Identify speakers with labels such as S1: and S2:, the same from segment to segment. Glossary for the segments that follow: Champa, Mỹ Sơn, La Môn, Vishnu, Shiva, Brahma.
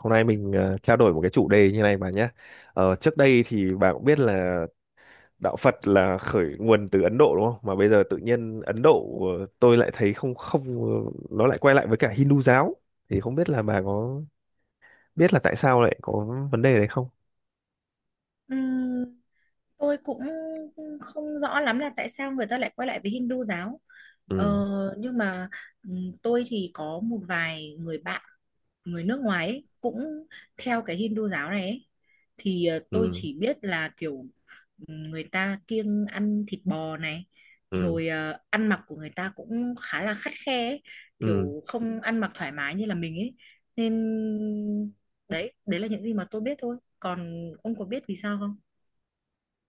S1: Hôm nay mình trao đổi một cái chủ đề như này bà nhé. Trước đây thì bà cũng biết là đạo Phật là khởi nguồn từ Ấn Độ đúng không? Mà bây giờ tự nhiên Ấn Độ tôi lại thấy không không ờ, nó lại quay lại với cả Hindu giáo. Thì không biết là bà có biết là tại sao lại có vấn đề đấy không?
S2: Ừm, tôi cũng không rõ lắm là tại sao người ta lại quay lại với Hindu giáo ờ,
S1: Ừ,
S2: nhưng mà tôi thì có một vài người bạn người nước ngoài ấy, cũng theo cái Hindu giáo này ấy. Thì tôi
S1: ừ,
S2: chỉ biết là kiểu người ta kiêng ăn thịt bò này,
S1: ừ,
S2: rồi ăn mặc của người ta cũng khá là khắt khe ấy.
S1: ừ.
S2: Kiểu không ăn mặc thoải mái như là mình ấy, nên đấy đấy là những gì mà tôi biết thôi. Còn ông có biết vì sao không?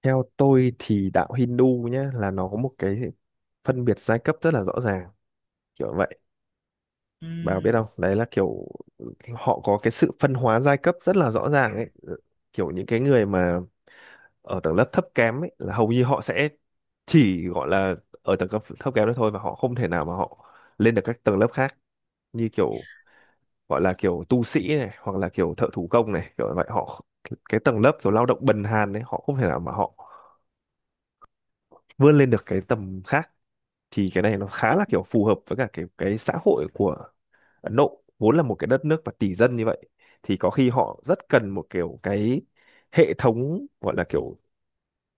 S1: Theo tôi thì đạo Hindu nhé, là nó có một cái phân biệt giai cấp rất là rõ ràng, kiểu vậy. Bà có biết
S2: Ừm,
S1: không, đấy là kiểu họ có cái sự phân hóa giai cấp rất là rõ ràng ấy. Ờ, Kiểu những cái người mà ở tầng lớp thấp kém ấy là hầu như họ sẽ chỉ gọi là ở tầng cấp thấp kém đó thôi, và họ không thể nào mà họ lên được các tầng lớp khác, như kiểu gọi là kiểu tu sĩ này hoặc là kiểu thợ thủ công này, kiểu vậy. Họ, cái tầng lớp kiểu lao động bần hàn đấy, họ không thể nào mà họ vươn lên được cái tầm khác. Thì cái này nó khá
S2: tức
S1: là kiểu phù hợp với cả cái xã hội của Ấn Độ, vốn là một cái đất nước và tỷ dân như vậy, thì có khi họ rất cần một kiểu cái hệ thống, gọi là kiểu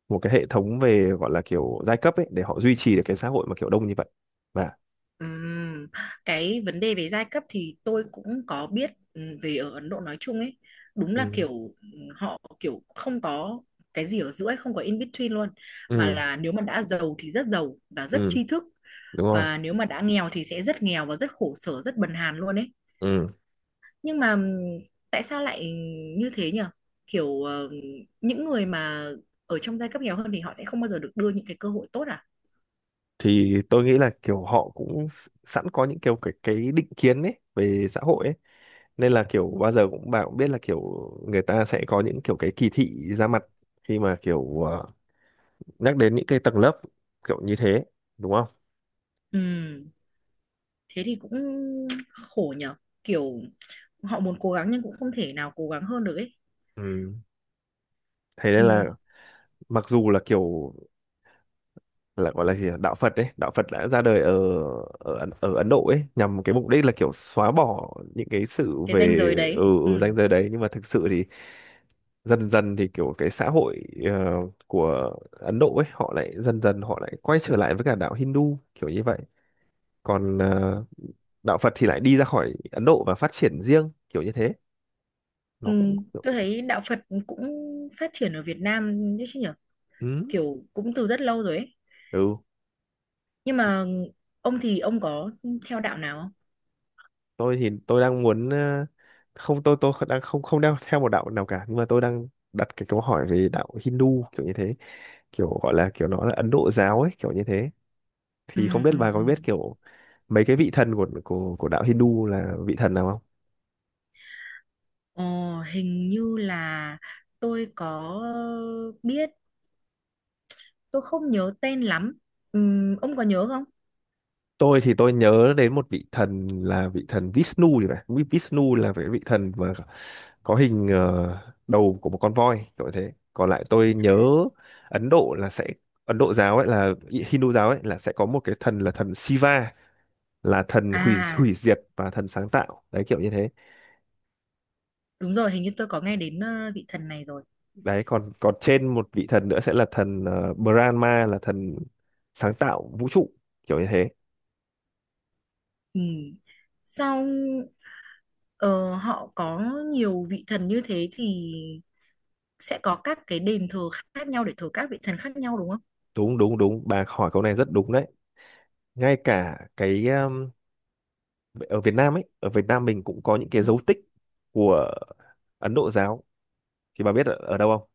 S1: một cái hệ thống về gọi là kiểu giai cấp ấy, để họ duy trì được cái xã hội mà kiểu đông như vậy. Và
S2: ừm, cái vấn đề về giai cấp thì tôi cũng có biết, về ở Ấn Độ nói chung ấy, đúng là
S1: ừ,
S2: kiểu họ kiểu không có cái gì ở giữa ấy, không có in between luôn, mà
S1: ừ,
S2: là nếu mà đã giàu thì rất giàu và rất
S1: ừ,
S2: tri thức,
S1: đúng rồi,
S2: và nếu mà đã nghèo thì sẽ rất nghèo và rất khổ sở, rất bần hàn luôn ấy.
S1: ừ.
S2: Nhưng mà tại sao lại như thế nhỉ? Kiểu những người mà ở trong giai cấp nghèo hơn thì họ sẽ không bao giờ được đưa những cái cơ hội tốt à?
S1: Thì tôi nghĩ là kiểu họ cũng sẵn có những kiểu cái định kiến ấy về xã hội ấy, nên là kiểu bao giờ cũng, bà cũng biết là kiểu người ta sẽ có những kiểu cái kỳ thị ra mặt khi mà kiểu nhắc đến những cái tầng lớp kiểu như thế, đúng không?
S2: Ừ, thế thì cũng khổ nhở, kiểu họ muốn cố gắng nhưng cũng không thể nào cố gắng hơn được ấy.
S1: Ừ. Thế nên là
S2: Ừ,
S1: mặc dù là kiểu, là gọi là gì nhỉ, đạo Phật ấy, đạo Phật đã ra đời ở ở Ấn Độ ấy nhằm cái mục đích là kiểu xóa bỏ những cái sự
S2: cái ranh
S1: về
S2: giới đấy. Ừ.
S1: ở ranh giới đấy, nhưng mà thực sự thì dần dần thì kiểu cái xã hội của Ấn Độ ấy, họ lại dần dần họ lại quay trở lại với cả đạo Hindu kiểu như vậy. Còn đạo Phật thì lại đi ra khỏi Ấn Độ và phát triển riêng kiểu như thế.
S2: Ừ.
S1: Nó cũng kiểu.
S2: Tôi thấy đạo Phật cũng phát triển ở Việt Nam đấy chứ nhở,
S1: Ừ.
S2: kiểu cũng từ rất lâu rồi ấy.
S1: Ừ,
S2: Nhưng mà ông thì ông có theo đạo nào không?
S1: tôi thì tôi đang muốn ờ, không tôi tôi đang không không đang theo một đạo nào cả, nhưng mà tôi đang đặt cái câu hỏi về đạo Hindu kiểu như thế, kiểu gọi là kiểu nó là Ấn Độ giáo ấy kiểu như thế.
S2: Ừ,
S1: Thì không biết
S2: ừ,
S1: bà
S2: ừ.
S1: có biết kiểu mấy cái vị thần của đạo Hindu là vị thần nào không?
S2: Ờ, hình như là tôi có biết, tôi không nhớ tên lắm. Ông có nhớ không?
S1: Tôi thì tôi nhớ đến một vị thần là vị thần Vishnu thì phải. Vishnu là cái vị thần mà có hình đầu của một con voi kiểu thế. Còn lại tôi nhớ Ấn Độ là sẽ, Ấn Độ giáo ấy là, Hindu giáo ấy là sẽ có một cái thần là thần Shiva, là thần hủy
S2: À,
S1: hủy diệt và thần sáng tạo, đấy kiểu như thế.
S2: đúng rồi, hình như tôi có nghe đến vị thần này rồi.
S1: Đấy, còn còn trên một vị thần nữa sẽ là thần Brahma, là thần sáng tạo vũ trụ kiểu như thế.
S2: Ừ. Sau ờ, họ có nhiều vị thần như thế, thì sẽ có các cái đền thờ khác nhau để thờ các vị thần khác nhau đúng không?
S1: Đúng đúng đúng, bà hỏi câu này rất đúng đấy. Ngay cả cái ở Việt Nam ấy, ở Việt Nam mình cũng có những cái
S2: Ừ.
S1: dấu tích của Ấn Độ giáo. Thì bà biết ở, đâu không?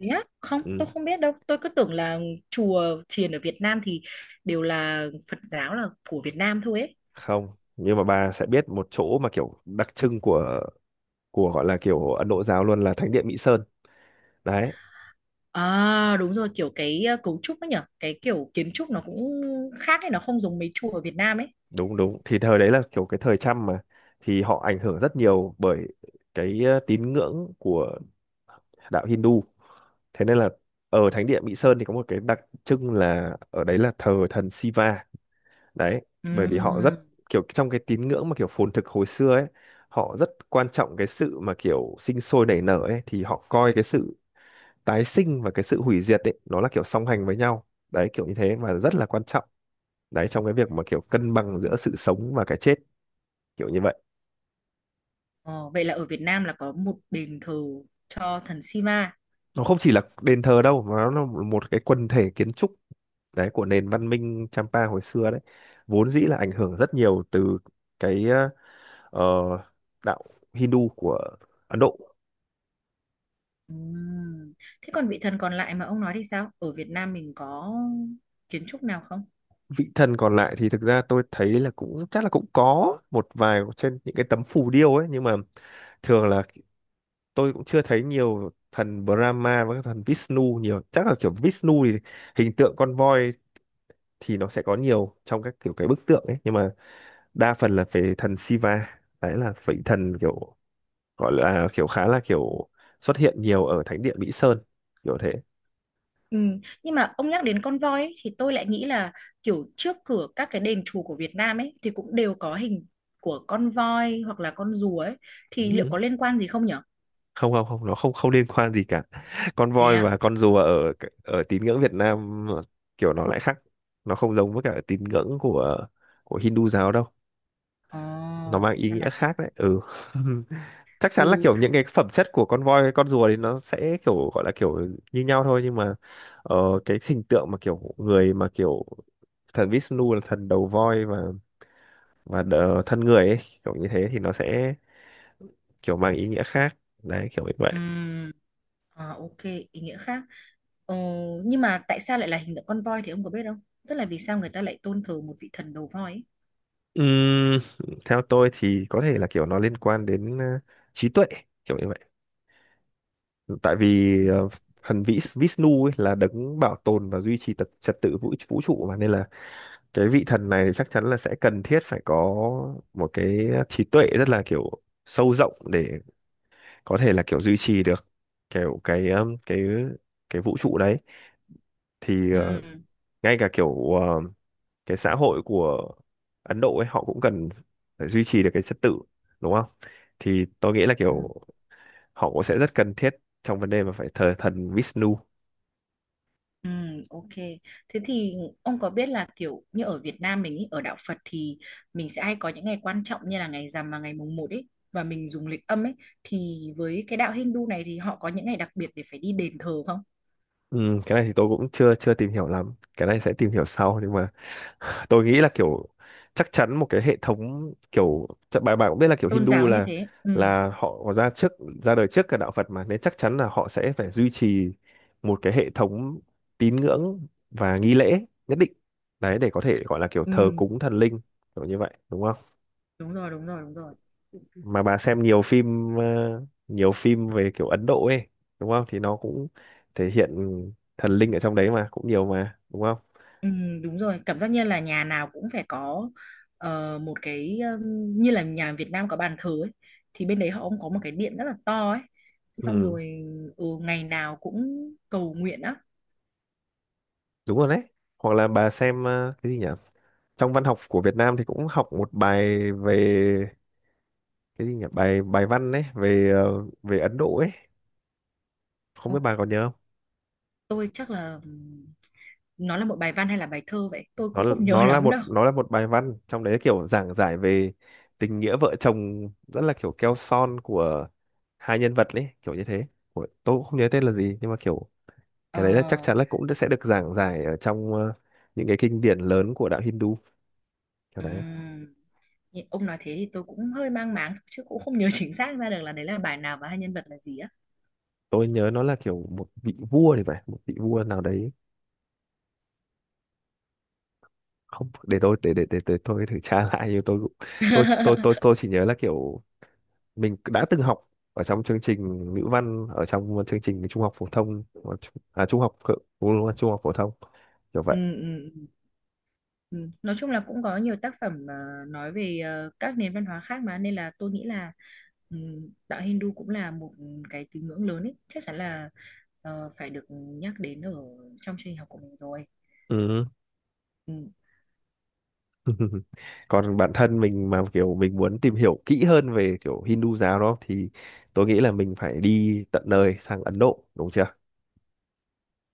S2: Thế á? Không,
S1: Ừ.
S2: tôi không biết đâu. Tôi cứ tưởng là chùa chiền ở Việt Nam thì đều là Phật giáo, là của Việt Nam thôi ấy.
S1: Không, nhưng mà bà sẽ biết một chỗ mà kiểu đặc trưng của gọi là kiểu Ấn Độ giáo luôn, là Thánh điện Mỹ Sơn đấy.
S2: À đúng rồi, kiểu cái cấu trúc ấy nhở, cái kiểu kiến trúc nó cũng khác ấy, nó không giống mấy chùa ở Việt Nam ấy.
S1: Đúng đúng, thì thời đấy là kiểu cái thời Chăm mà, thì họ ảnh hưởng rất nhiều bởi cái tín ngưỡng của đạo Hindu. Thế nên là ở Thánh điện Mỹ Sơn thì có một cái đặc trưng là ở đấy là thờ thần Shiva đấy, bởi vì họ rất
S2: Ừm.
S1: kiểu, trong cái tín ngưỡng mà kiểu phồn thực hồi xưa ấy, họ rất quan trọng cái sự mà kiểu sinh sôi nảy nở ấy. Thì họ coi cái sự tái sinh và cái sự hủy diệt ấy nó là kiểu song hành với nhau đấy, kiểu như thế, và rất là quan trọng đấy trong cái việc mà kiểu cân bằng giữa sự sống và cái chết kiểu như vậy.
S2: Ờ, vậy là ở Việt Nam là có một đền thờ cho thần Shiva.
S1: Nó không chỉ là đền thờ đâu mà nó là một cái quần thể kiến trúc đấy của nền văn minh Champa hồi xưa đấy, vốn dĩ là ảnh hưởng rất nhiều từ cái ờ, đạo Hindu của Ấn Độ.
S2: Ừm. Thế còn vị thần còn lại mà ông nói thì sao? Ở Việt Nam mình có kiến trúc nào không?
S1: Vị thần còn lại thì thực ra tôi thấy là cũng chắc là cũng có một vài trên những cái tấm phù điêu ấy, nhưng mà thường là, tôi cũng chưa thấy nhiều thần Brahma và các thần Vishnu nhiều. Chắc là kiểu Vishnu thì hình tượng con voi thì nó sẽ có nhiều trong các kiểu cái bức tượng ấy, nhưng mà đa phần là về thần Shiva. Đấy là vị thần kiểu, gọi là kiểu khá là kiểu xuất hiện nhiều ở thánh địa Mỹ Sơn kiểu thế.
S2: Ừ. Nhưng mà ông nhắc đến con voi ấy, thì tôi lại nghĩ là kiểu trước cửa các cái đền chùa của Việt Nam ấy thì cũng đều có hình của con voi hoặc là con rùa ấy, thì liệu
S1: Ừ.
S2: có liên quan gì không nhở?
S1: Không không không, nó không không liên quan gì cả. Con
S2: Thế
S1: voi và
S2: à?
S1: con rùa ở, ở tín ngưỡng Việt Nam kiểu nó lại khác, nó không giống với cả tín ngưỡng của Hindu giáo đâu.
S2: Ồ,
S1: Nó mang ý
S2: ra
S1: nghĩa
S2: là thế.
S1: khác đấy, ừ. Chắc chắn là
S2: Ừ.
S1: kiểu những cái phẩm chất của con voi, con rùa thì nó sẽ kiểu, gọi là kiểu như nhau thôi, nhưng mà ờ, cái hình tượng mà kiểu người, mà kiểu thần Vishnu là thần đầu voi và thân người ấy, kiểu như thế, thì nó sẽ kiểu mang ý nghĩa khác đấy, kiểu như vậy.
S2: Ừm, à, ok, ý nghĩa khác. Ờ, nhưng mà tại sao lại là hình tượng con voi thì ông có biết không? Tức là vì sao người ta lại tôn thờ một vị thần đầu voi ấy?
S1: Ừm, theo tôi thì có thể là kiểu nó liên quan đến trí tuệ kiểu như vậy. Tại vì thần Vishnu ấy là đấng bảo tồn và duy trì tập trật tự vũ vũ trụ mà, nên là cái vị thần này chắc chắn là sẽ cần thiết phải có một cái trí tuệ rất là kiểu sâu rộng để có thể là kiểu duy trì được kiểu cái vũ trụ đấy. Thì ngay cả kiểu cái xã hội của Ấn Độ ấy, họ cũng cần phải duy trì được cái trật tự, đúng không? Thì tôi nghĩ là kiểu
S2: Ừm.
S1: họ cũng sẽ rất cần thiết trong vấn đề mà phải thờ thần Vishnu.
S2: Ừ, ok. Thế thì ông có biết là kiểu như ở Việt Nam mình ý, ở đạo Phật thì mình sẽ hay có những ngày quan trọng như là ngày rằm và ngày mùng một ấy, và mình dùng lịch âm ấy, thì với cái đạo Hindu này thì họ có những ngày đặc biệt để phải đi đền thờ không?
S1: Ừ, cái này thì tôi cũng chưa chưa tìm hiểu lắm, cái này sẽ tìm hiểu sau. Nhưng mà tôi nghĩ là kiểu chắc chắn một cái hệ thống, kiểu chắc bạn bạn cũng biết là kiểu
S2: Tôn
S1: Hindu
S2: giáo như
S1: là
S2: thế. Ừ,
S1: là họ có ra đời trước cả đạo Phật mà, nên chắc chắn là họ sẽ phải duy trì một cái hệ thống tín ngưỡng và nghi lễ nhất định đấy, để có thể gọi là kiểu thờ
S2: ừ,
S1: cúng thần linh kiểu như vậy, đúng không?
S2: đúng rồi, đúng rồi, đúng rồi.
S1: Mà bà xem nhiều phim về kiểu Ấn Độ ấy, đúng không, thì nó cũng thể hiện thần linh ở trong đấy mà cũng nhiều mà, đúng không?
S2: Ừ, đúng rồi. Cảm giác như là nhà nào cũng phải có một cái, như là nhà Việt Nam có bàn thờ ấy, thì bên đấy họ cũng có một cái điện rất là to ấy. Xong
S1: Ừ,
S2: rồi ừ, ngày nào cũng cầu nguyện á.
S1: đúng rồi đấy. Hoặc là bà xem cái gì nhỉ, trong văn học của Việt Nam thì cũng học một bài về, cái gì nhỉ, bài bài văn ấy về về Ấn Độ ấy, không biết bà còn nhớ không.
S2: Tôi chắc là nó là một bài văn hay là bài thơ vậy, tôi
S1: nó
S2: cũng không nhớ
S1: nó là
S2: lắm
S1: một
S2: đâu.
S1: nó là một bài văn, trong đấy kiểu giảng giải về tình nghĩa vợ chồng rất là kiểu keo son của hai nhân vật ấy, kiểu như thế. Của, tôi cũng không nhớ tên là gì, nhưng mà kiểu
S2: Ờ
S1: cái đấy là chắc chắn là cũng sẽ được giảng giải ở trong những cái kinh điển lớn của đạo Hindu kiểu đấy.
S2: ừm, ông nói thế thì tôi cũng hơi mang máng chứ cũng không nhớ chính xác ra được là đấy là bài nào và hai nhân vật là gì á.
S1: Tôi nhớ nó là kiểu một vị vua thì phải, một vị vua nào đấy. Không, để tôi để tôi thử tra lại, nhưng tôi cũng- tôi chỉ nhớ là kiểu mình đã từng học ở trong chương trình ngữ văn, ở trong chương trình trung học phổ thông. À, trung học ừ, đúng rồi, trung học phổ thông kiểu
S2: Ừ,
S1: vậy.
S2: ừ, ừ. Ừ. Nói chung là cũng có nhiều tác phẩm nói về các nền văn hóa khác, mà nên là tôi nghĩ là đạo Hindu cũng là một cái tín ngưỡng lớn ấy, chắc chắn là phải được nhắc đến ở trong chương trình học của mình rồi.
S1: Ừ.
S2: Ừ.
S1: Còn bản thân mình mà kiểu mình muốn tìm hiểu kỹ hơn về kiểu Hindu giáo đó, thì tôi nghĩ là mình phải đi tận nơi sang Ấn Độ, đúng chưa?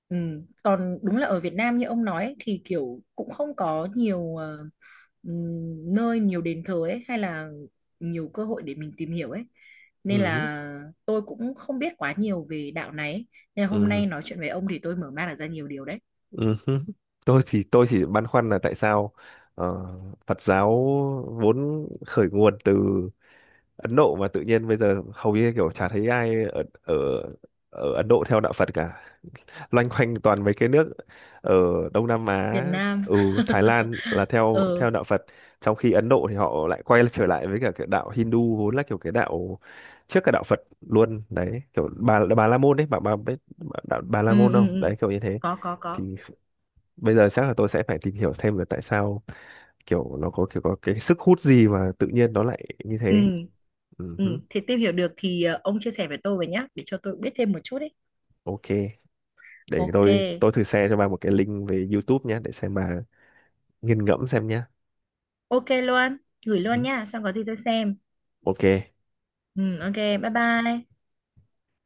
S2: Ừ. Còn đúng là ở Việt Nam như ông nói ấy, thì kiểu cũng không có nhiều nơi, nhiều đền thờ ấy, hay là nhiều cơ hội để mình tìm hiểu ấy, nên
S1: Ừ.
S2: là tôi cũng không biết quá nhiều về đạo này ấy. Nên là hôm
S1: Ừ.
S2: nay nói chuyện với ông thì tôi mở mang được ra nhiều điều đấy.
S1: Ừ hứ. Tôi thì tôi chỉ băn khoăn là tại sao ờ, Phật giáo vốn khởi nguồn từ Ấn Độ mà tự nhiên bây giờ hầu như kiểu chả thấy ai ở ở ở Ấn Độ theo đạo Phật cả. Loanh quanh toàn mấy cái nước ở Đông Nam
S2: Việt
S1: Á,
S2: Nam
S1: ừ, Thái Lan là theo
S2: ờ
S1: theo đạo Phật, trong khi Ấn Độ thì họ lại quay trở lại với cả cái đạo Hindu, vốn là kiểu cái đạo trước cả đạo Phật luôn đấy, kiểu bà La Môn đấy, bà biết bà, đạo bà La
S2: ừ,
S1: Môn
S2: ừ,
S1: không?
S2: ừ.
S1: Đấy kiểu như thế.
S2: Có có có.
S1: Thì bây giờ chắc là tôi sẽ phải tìm hiểu thêm về tại sao kiểu nó có kiểu, có cái sức hút gì mà tự nhiên nó lại như thế.
S2: Ừ.
S1: Ừ
S2: Ừ.
S1: hứ,
S2: Thì tìm hiểu được thì ông chia sẻ với tôi với nhá để cho tôi biết thêm một chút ấy.
S1: ok. Để
S2: Ok.
S1: tôi thử share cho bà một cái link về YouTube nhé, để xem bà nghiền ngẫm xem nhé.
S2: Ok luôn, gửi
S1: Ừ hứ,
S2: luôn nha, xong có gì tôi xem.
S1: ok.
S2: Ừ, ok, bye bye.